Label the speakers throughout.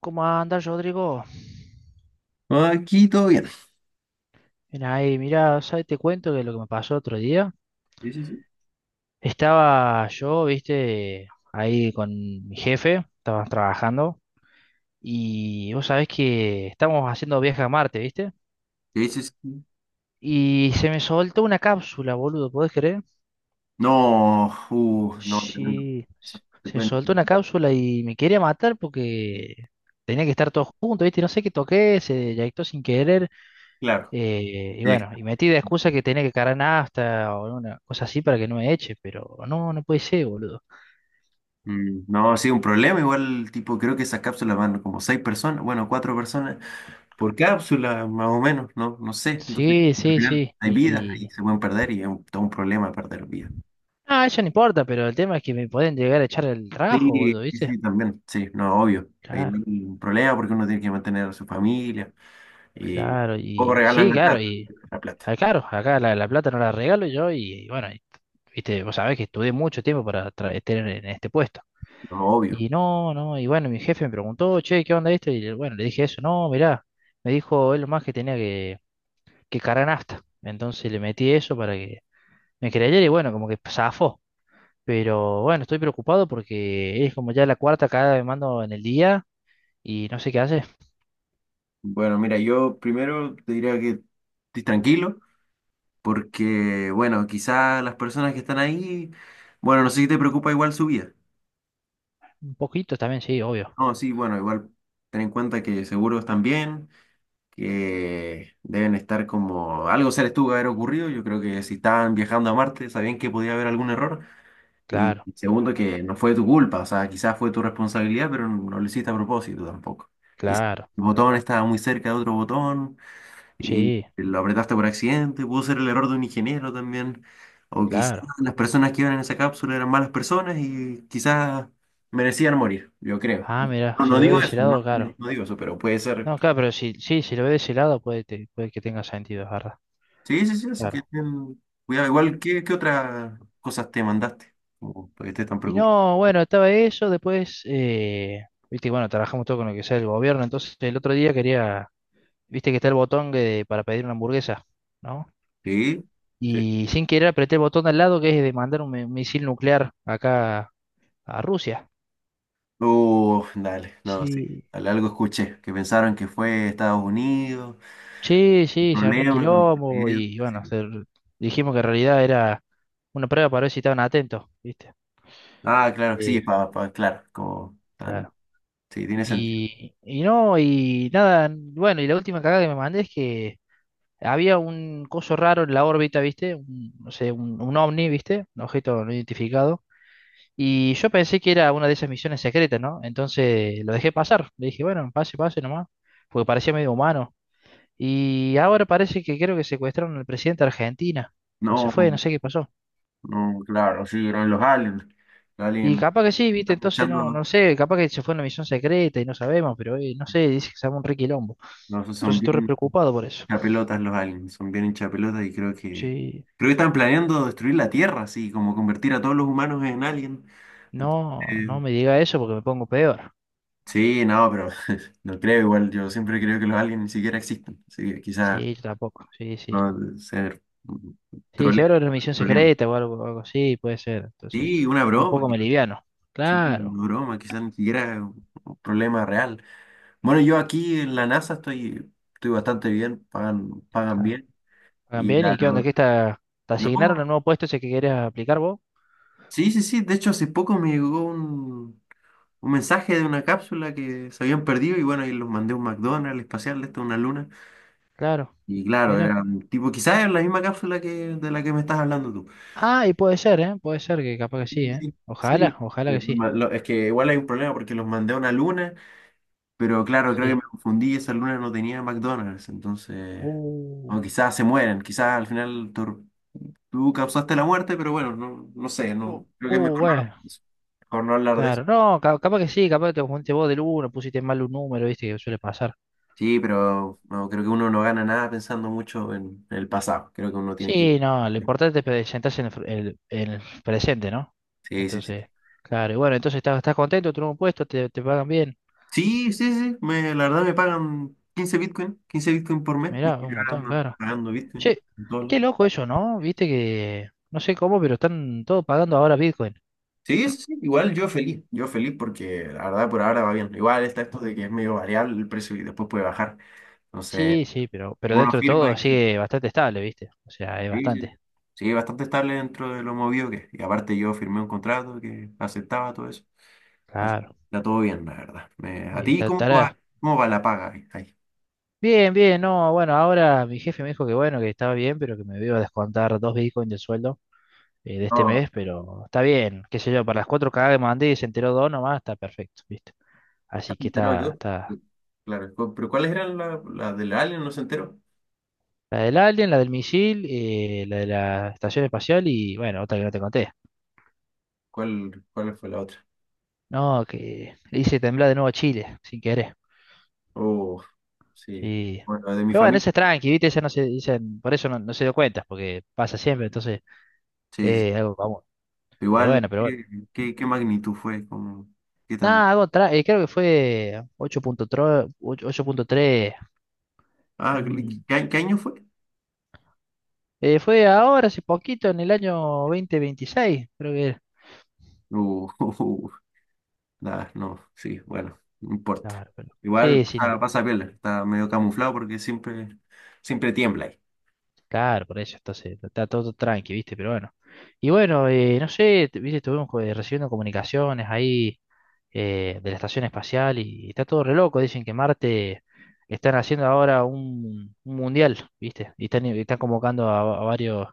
Speaker 1: ¿Cómo andas, Rodrigo?
Speaker 2: Aquí todo bien.
Speaker 1: Mira ahí, mira, ¿sabes? Te cuento que lo que me pasó otro día.
Speaker 2: ¿Qué dices?
Speaker 1: Estaba yo, viste, ahí con mi jefe, estábamos trabajando, y vos sabés que estamos haciendo viaje a Marte, viste,
Speaker 2: ¿Qué dices?
Speaker 1: y se me soltó una cápsula, boludo, ¿podés creer?
Speaker 2: No, no, tremendo.
Speaker 1: Sí,
Speaker 2: Eso, te
Speaker 1: se me
Speaker 2: cuento.
Speaker 1: soltó una cápsula y me quería matar porque tenía que estar todos juntos, viste, no sé qué toqué, se eyectó sin querer.
Speaker 2: Claro.
Speaker 1: Y
Speaker 2: Sí.
Speaker 1: bueno, y metí de excusa que tenía que cargar nafta o una cosa así para que no me eche, pero no, no puede ser, boludo.
Speaker 2: Mm, no, sí, un problema. Igual, tipo, creo que esas cápsulas van como seis personas, bueno, cuatro personas por cápsula, más o menos, no, no sé. Entonces,
Speaker 1: Sí,
Speaker 2: al
Speaker 1: sí,
Speaker 2: final
Speaker 1: sí.
Speaker 2: hay vidas y
Speaker 1: Y.
Speaker 2: se pueden perder y es todo un problema perder vidas.
Speaker 1: Ah, eso no importa, pero el tema es que me pueden llegar a echar el
Speaker 2: Sí,
Speaker 1: trabajo, boludo,
Speaker 2: sí,
Speaker 1: ¿viste?
Speaker 2: sí, también, sí, no, obvio. Hay
Speaker 1: Claro,
Speaker 2: un problema porque uno tiene que mantener a su familia y
Speaker 1: claro,
Speaker 2: poco
Speaker 1: y.
Speaker 2: regalan
Speaker 1: Sí, claro, y.
Speaker 2: la plata,
Speaker 1: Ah, claro, acá la plata no la regalo yo y bueno, y, viste, vos sabés que estudié mucho tiempo para tener en este puesto.
Speaker 2: no, obvio.
Speaker 1: Y no, no, y bueno, mi jefe me preguntó, che, ¿qué onda esto? Y bueno, le dije eso, no, mirá, me dijo, es lo más que tenía que carga nafta. Entonces le metí eso para que me creyera y bueno, como que zafó. Pero bueno, estoy preocupado porque es como ya la cuarta cada vez mando en el día y no sé qué hace.
Speaker 2: Bueno, mira, yo primero te diría que estés tranquilo, porque, bueno, quizás las personas que están ahí, bueno, no sé si te preocupa igual su vida.
Speaker 1: Un poquito también, sí, obvio.
Speaker 2: No, sí, bueno, igual ten en cuenta que seguro están bien, que deben estar como, algo se les tuvo que haber ocurrido, yo creo que si estaban viajando a Marte, sabían que podía haber algún error, y
Speaker 1: Claro,
Speaker 2: segundo, que no fue tu culpa, o sea, quizás fue tu responsabilidad, pero no lo hiciste a propósito tampoco. Quizás
Speaker 1: claro.
Speaker 2: el botón estaba muy cerca de otro botón y
Speaker 1: Sí,
Speaker 2: lo apretaste por accidente, pudo ser el error de un ingeniero también. O quizás
Speaker 1: claro.
Speaker 2: las personas que iban en esa cápsula eran malas personas y quizás merecían morir, yo creo.
Speaker 1: Ah, mira,
Speaker 2: No,
Speaker 1: si
Speaker 2: no
Speaker 1: lo ve de
Speaker 2: digo
Speaker 1: ese
Speaker 2: eso,
Speaker 1: lado,
Speaker 2: no,
Speaker 1: claro.
Speaker 2: no digo eso, pero puede ser.
Speaker 1: No, claro, pero si, sí, si lo ve de ese lado puede, puede que tenga sentido, es verdad.
Speaker 2: Sí, sí, sí, así que
Speaker 1: Claro.
Speaker 2: ten cuidado. Igual, ¿qué otras cosas te mandaste? Como para que estés tan
Speaker 1: Y
Speaker 2: preocupado.
Speaker 1: no, bueno, estaba eso, después, viste, bueno, trabajamos todo con lo que sea el gobierno, entonces el otro día quería viste que está el botón para pedir una hamburguesa, ¿no?
Speaker 2: Sí, sí.
Speaker 1: Y sin querer apreté el botón de al lado que es de mandar un misil nuclear acá a Rusia.
Speaker 2: Dale, no, sí.
Speaker 1: Sí,
Speaker 2: Dale, algo escuché, que pensaron que fue Estados Unidos,
Speaker 1: sí,
Speaker 2: un
Speaker 1: sí, se armó un
Speaker 2: problema con el
Speaker 1: quilombo
Speaker 2: presidente.
Speaker 1: y bueno,
Speaker 2: Sí.
Speaker 1: se- dijimos que en realidad era una prueba para ver si estaban atentos, ¿viste?
Speaker 2: Ah, claro,
Speaker 1: Sí,
Speaker 2: sí, pa, claro, como tan,
Speaker 1: claro.
Speaker 2: sí, tiene sentido.
Speaker 1: Y no, y nada, bueno, y la última cagada que me mandé es que había un coso raro en la órbita, ¿viste? Un- no sé, un ovni, ¿viste? Un objeto no identificado. Y yo pensé que era una de esas misiones secretas, ¿no? Entonces lo dejé pasar. Le dije, bueno, pase, pase nomás, porque parecía medio humano. Y ahora parece que creo que secuestraron al presidente de Argentina. O se
Speaker 2: No,
Speaker 1: fue, no sé qué pasó.
Speaker 2: no, claro, sí, eran los aliens. Los
Speaker 1: Y
Speaker 2: aliens
Speaker 1: capaz que sí, viste,
Speaker 2: están
Speaker 1: entonces no,
Speaker 2: echando,
Speaker 1: no sé, capaz que se fue en una misión secreta y no sabemos, pero no sé, dice que se llama un requilombo.
Speaker 2: no, son
Speaker 1: Entonces estoy re
Speaker 2: bien
Speaker 1: preocupado por eso.
Speaker 2: chapelotas los aliens, son bien hinchapelotas y
Speaker 1: Sí,
Speaker 2: creo que están planeando destruir la Tierra, así, como convertir a todos los humanos en alien.
Speaker 1: no,
Speaker 2: Eh,
Speaker 1: no me diga eso porque me pongo peor.
Speaker 2: sí, no, pero no creo igual, yo siempre creo que los aliens ni siquiera existen, así que quizás
Speaker 1: Sí, yo tampoco, sí, sí.
Speaker 2: no, ser
Speaker 1: Sí,
Speaker 2: troleando,
Speaker 1: seguro era una misión
Speaker 2: troleando.
Speaker 1: secreta o algo, algo así, puede ser. Entonces,
Speaker 2: Sí, una
Speaker 1: un
Speaker 2: broma.
Speaker 1: poco me liviano.
Speaker 2: Sí,
Speaker 1: Claro,
Speaker 2: una broma, quizás ni siquiera es un problema real. Bueno, yo aquí en la NASA estoy, estoy bastante bien, pagan, pagan
Speaker 1: claro.
Speaker 2: bien.
Speaker 1: Hagan bien, ¿y qué onda?
Speaker 2: No,
Speaker 1: ¿Qué está? ¿Te asignaron
Speaker 2: no,
Speaker 1: el nuevo puesto ese que querés aplicar vos?
Speaker 2: sí, sí, sí. De hecho, hace poco me llegó un mensaje de una cápsula que se habían perdido y bueno, y los mandé a un McDonald's espacial, esto es una luna.
Speaker 1: Claro,
Speaker 2: Y claro,
Speaker 1: mira.
Speaker 2: era un tipo, quizás es la misma cápsula que de la que me estás hablando tú.
Speaker 1: Ah, y puede ser, ¿eh? Puede ser que capaz que
Speaker 2: Sí,
Speaker 1: sí, ¿eh?
Speaker 2: sí,
Speaker 1: Ojalá,
Speaker 2: sí.
Speaker 1: ojalá
Speaker 2: Sí,
Speaker 1: que sí.
Speaker 2: es que igual hay un problema porque los mandé a una luna. Pero claro, creo que
Speaker 1: Sí.
Speaker 2: me confundí y esa luna no tenía McDonald's, entonces.
Speaker 1: Uh,
Speaker 2: O quizás se mueren, quizás al final tú causaste la muerte, pero bueno, no, no sé, no, creo que es mejor no hablar
Speaker 1: bueno,
Speaker 2: de eso. Mejor no hablar de eso.
Speaker 1: claro. No, capaz que sí, capaz que te confundiste vos del uno, pusiste mal un número, viste, que suele pasar.
Speaker 2: Sí, pero no, creo que uno no gana nada pensando mucho en el pasado. Creo que uno tiene que.
Speaker 1: Sí, no, lo importante es presentarse en el, en el presente, ¿no?
Speaker 2: Sí, sí, sí.
Speaker 1: Entonces, claro, y bueno, entonces estás, estás contento, tenés un puesto, te pagan bien.
Speaker 2: Sí, sí, sí, me, la verdad me pagan 15 Bitcoin por mes, ni
Speaker 1: Mirá, un
Speaker 2: siquiera
Speaker 1: montón,
Speaker 2: ando
Speaker 1: claro.
Speaker 2: pagando Bitcoin,
Speaker 1: Che, qué
Speaker 2: dólar.
Speaker 1: loco eso, ¿no? Viste que, no sé cómo, pero están todos pagando ahora Bitcoin.
Speaker 2: Sí, sí, sí, igual yo feliz porque la verdad por ahora va bien. Igual está esto de que es medio variable el precio y después puede bajar. Entonces,
Speaker 1: Sí, sí,
Speaker 2: si
Speaker 1: pero
Speaker 2: uno
Speaker 1: dentro de
Speaker 2: firma y.
Speaker 1: todo sigue bastante estable, ¿viste? O sea, es
Speaker 2: Sí, sí, sí.
Speaker 1: bastante.
Speaker 2: Sí, bastante estable dentro de lo movido que es. Y aparte yo firmé un contrato que aceptaba todo eso. Así que
Speaker 1: Claro.
Speaker 2: está todo bien, la verdad. ¿A
Speaker 1: Y
Speaker 2: ti cómo va,
Speaker 1: tará.
Speaker 2: cómo va la paga ahí?
Speaker 1: Bien, bien, no, bueno, ahora mi jefe me dijo que bueno, que estaba bien, pero que me iba a descontar dos Bitcoin del sueldo, de este
Speaker 2: No,
Speaker 1: mes, pero está bien, qué sé yo, para las cuatro cagadas que mandé y se enteró dos nomás, está perfecto, ¿viste?
Speaker 2: ah,
Speaker 1: Así
Speaker 2: se
Speaker 1: que
Speaker 2: enteró de
Speaker 1: está,
Speaker 2: todo.
Speaker 1: está
Speaker 2: Claro, pero ¿cuáles eran las la del Alien? No se enteró.
Speaker 1: la del alien, la del misil, la de la estación espacial y bueno, otra que no te conté.
Speaker 2: ¿Cuál fue la otra?
Speaker 1: No, que le hice temblar de nuevo a Chile, sin querer.
Speaker 2: Oh, sí.
Speaker 1: Sí.
Speaker 2: Bueno, la de mi
Speaker 1: Pero bueno,
Speaker 2: familia.
Speaker 1: esa es tranqui, ¿viste? Esa no se dicen, por eso no, no se dio cuenta, porque pasa siempre, entonces, algo común. Pero
Speaker 2: Igual,
Speaker 1: bueno, pero bueno.
Speaker 2: ¿qué magnitud fue? Como, ¿qué tan?
Speaker 1: Nada, algo creo que fue ocho ocho punto tres
Speaker 2: Ah,
Speaker 1: mm,
Speaker 2: ¿qué año fue?
Speaker 1: Fue ahora, hace poquito, en el año 2026, creo que era.
Speaker 2: Uh, nada, no, sí, bueno, no importa.
Speaker 1: Claro, pero
Speaker 2: Igual
Speaker 1: sí, sí, no
Speaker 2: pasa, pasa
Speaker 1: importa.
Speaker 2: piola, está medio camuflado porque siempre, siempre tiembla ahí.
Speaker 1: Claro, por eso entonces está todo tranqui, ¿viste? Pero bueno. Y bueno, no sé, ¿viste? Estuvimos recibiendo comunicaciones ahí de la estación espacial y está todo re loco. Dicen que Marte están haciendo ahora un mundial, ¿viste? Y están convocando a varios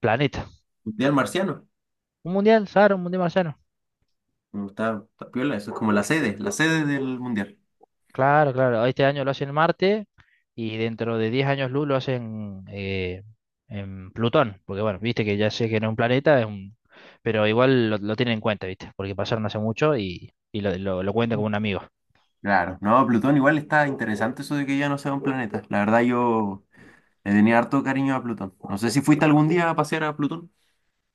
Speaker 1: planetas.
Speaker 2: Mundial marciano,
Speaker 1: Un mundial, Sara, un mundial marciano.
Speaker 2: no, está, está piola, eso es como la sede del mundial.
Speaker 1: Claro, claro. Este año lo hacen en Marte y dentro de 10 años luz lo hacen en Plutón. Porque bueno, viste que ya sé que no es un planeta, es un... pero igual lo tienen en cuenta, viste, porque pasaron hace mucho y lo cuentan como un amigo.
Speaker 2: Claro, no, Plutón igual está interesante eso de que ya no sea un planeta. La verdad yo le tenía harto cariño a Plutón. No sé si fuiste algún día a pasear a Plutón.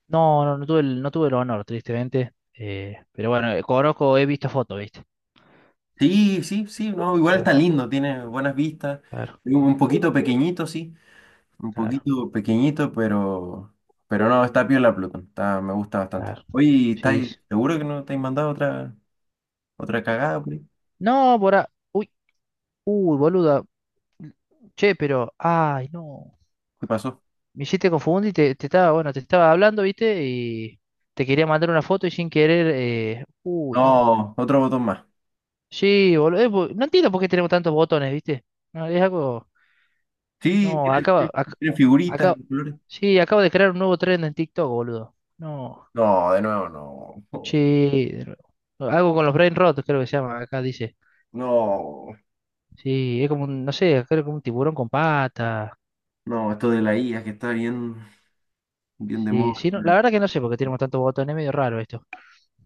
Speaker 1: No, no, no tuve el, no tuve el honor, tristemente. Pero bueno, conozco, he visto fotos, viste.
Speaker 2: Sí, sí, sí, no, igual está
Speaker 1: Claro,
Speaker 2: lindo, tiene buenas vistas.
Speaker 1: claro,
Speaker 2: Es un poquito pequeñito, sí, un
Speaker 1: claro,
Speaker 2: poquito pequeñito, pero no, está piola Plutón, está, me gusta bastante.
Speaker 1: claro.
Speaker 2: Oye,
Speaker 1: Sí.
Speaker 2: ¿estáis
Speaker 1: Sí.
Speaker 2: seguro que no te has mandado otra cagada por ahí?
Speaker 1: No, por ahí. Uy, uy, boluda. Che, pero. Ay, no.
Speaker 2: ¿Qué pasó?
Speaker 1: Me hiciste confundir te, te estaba, bueno, te estaba hablando, ¿viste? Y te quería mandar una foto y sin querer, no.
Speaker 2: No, otro botón más.
Speaker 1: Sí, boludo, no entiendo por qué tenemos tantos botones, ¿viste? No, es algo,
Speaker 2: Sí,
Speaker 1: no, acaba,
Speaker 2: tiene, tiene figuritas
Speaker 1: acaba,
Speaker 2: de colores.
Speaker 1: sí, acabo de crear un nuevo trend en TikTok, boludo. No,
Speaker 2: No, de nuevo, no.
Speaker 1: sí, de nuevo, algo con los brain rotos, creo que se llama, acá dice.
Speaker 2: No,
Speaker 1: Sí, es como un, no sé, creo que un tiburón con pata.
Speaker 2: no, esto de la IA que está bien, bien de
Speaker 1: Sí,
Speaker 2: moda.
Speaker 1: sí, no, la verdad que no sé por qué tenemos tantos botones, es medio raro esto.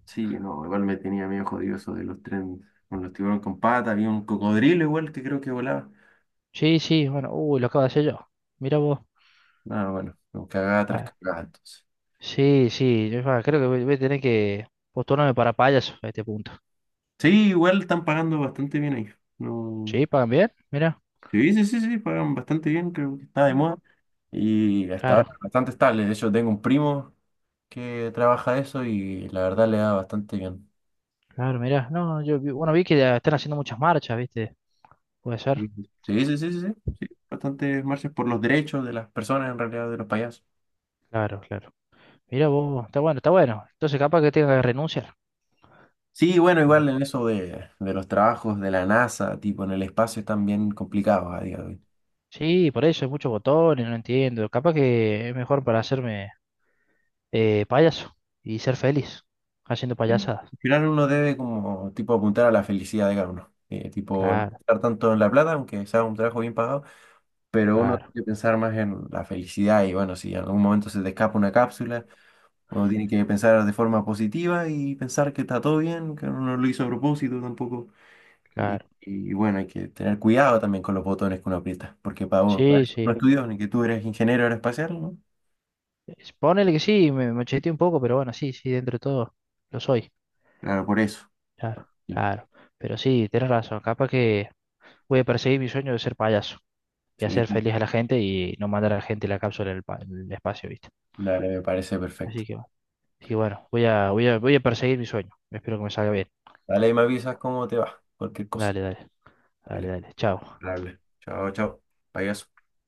Speaker 2: Sí, no, igual me tenía medio jodido eso de los trenes con los tiburones con patas. Había un cocodrilo igual que creo que volaba.
Speaker 1: Sí, sí, bueno, uy, lo acabo de hacer yo. Mira vos.
Speaker 2: Ah, bueno, no, cagada tras
Speaker 1: Bueno.
Speaker 2: cagada entonces.
Speaker 1: Sí, sí, yo creo que voy, voy a tener que postularme para payaso a este punto.
Speaker 2: Sí, igual están pagando bastante bien ahí. No.
Speaker 1: Sí, pagan bien, mira.
Speaker 2: Sí, sí, sí, sí, pagan bastante bien, creo que está de
Speaker 1: Ah.
Speaker 2: moda. Y hasta ahora
Speaker 1: Claro,
Speaker 2: bastante estable. De hecho, tengo un primo que trabaja de eso y la verdad le da bastante bien.
Speaker 1: claro, mira. No, yo bueno, vi que ya están haciendo muchas marchas, ¿viste? Puede
Speaker 2: Sí,
Speaker 1: ser.
Speaker 2: sí, sí, sí, sí. Sí, bastantes marchas por los derechos de las personas en realidad, de los payasos.
Speaker 1: Claro, claro. Mira vos, está bueno, está bueno. Entonces capaz que tenga que renunciar.
Speaker 2: Sí, bueno, igual
Speaker 1: Digo.
Speaker 2: en eso de los trabajos de la NASA, tipo en el espacio, están bien complicados a día de hoy.
Speaker 1: Sí, por eso hay muchos botones, no entiendo. Capaz que es mejor para hacerme payaso y ser feliz haciendo
Speaker 2: Sí.
Speaker 1: payasadas.
Speaker 2: Al final uno debe como tipo apuntar a la felicidad de cada uno. Tipo, no
Speaker 1: Claro,
Speaker 2: estar tanto en la plata, aunque sea un trabajo bien pagado, pero uno
Speaker 1: claro,
Speaker 2: tiene que pensar más en la felicidad y bueno, si en algún momento se te escapa una cápsula, uno tiene que pensar de forma positiva y pensar que está todo bien, que uno no lo hizo a propósito tampoco. Y,
Speaker 1: claro.
Speaker 2: y bueno, hay que tener cuidado también con los botones que uno aprieta, porque para vos, para
Speaker 1: Sí,
Speaker 2: eso
Speaker 1: sí.
Speaker 2: uno estudió, ni que tú eres ingeniero aeroespacial, ¿no?
Speaker 1: Es- Ponele que sí, me macheteé un poco, pero bueno, sí, sí, dentro de todo lo soy.
Speaker 2: Claro, por eso.
Speaker 1: Claro,
Speaker 2: Sí,
Speaker 1: claro. Pero sí, tenés razón. Capaz que voy a perseguir mi sueño de ser payaso y
Speaker 2: sí,
Speaker 1: hacer feliz a la gente y no mandar a la gente la cápsula del del espacio, ¿viste?
Speaker 2: dale, me parece perfecto.
Speaker 1: Así que bueno. Y bueno, voy a, voy a, voy a perseguir mi sueño. Espero que me salga bien.
Speaker 2: Dale, y me avisas cómo te va, cualquier cosa.
Speaker 1: Dale, dale, dale,
Speaker 2: Dale,
Speaker 1: dale. Chao.
Speaker 2: dale. Chao, chao. Payaso.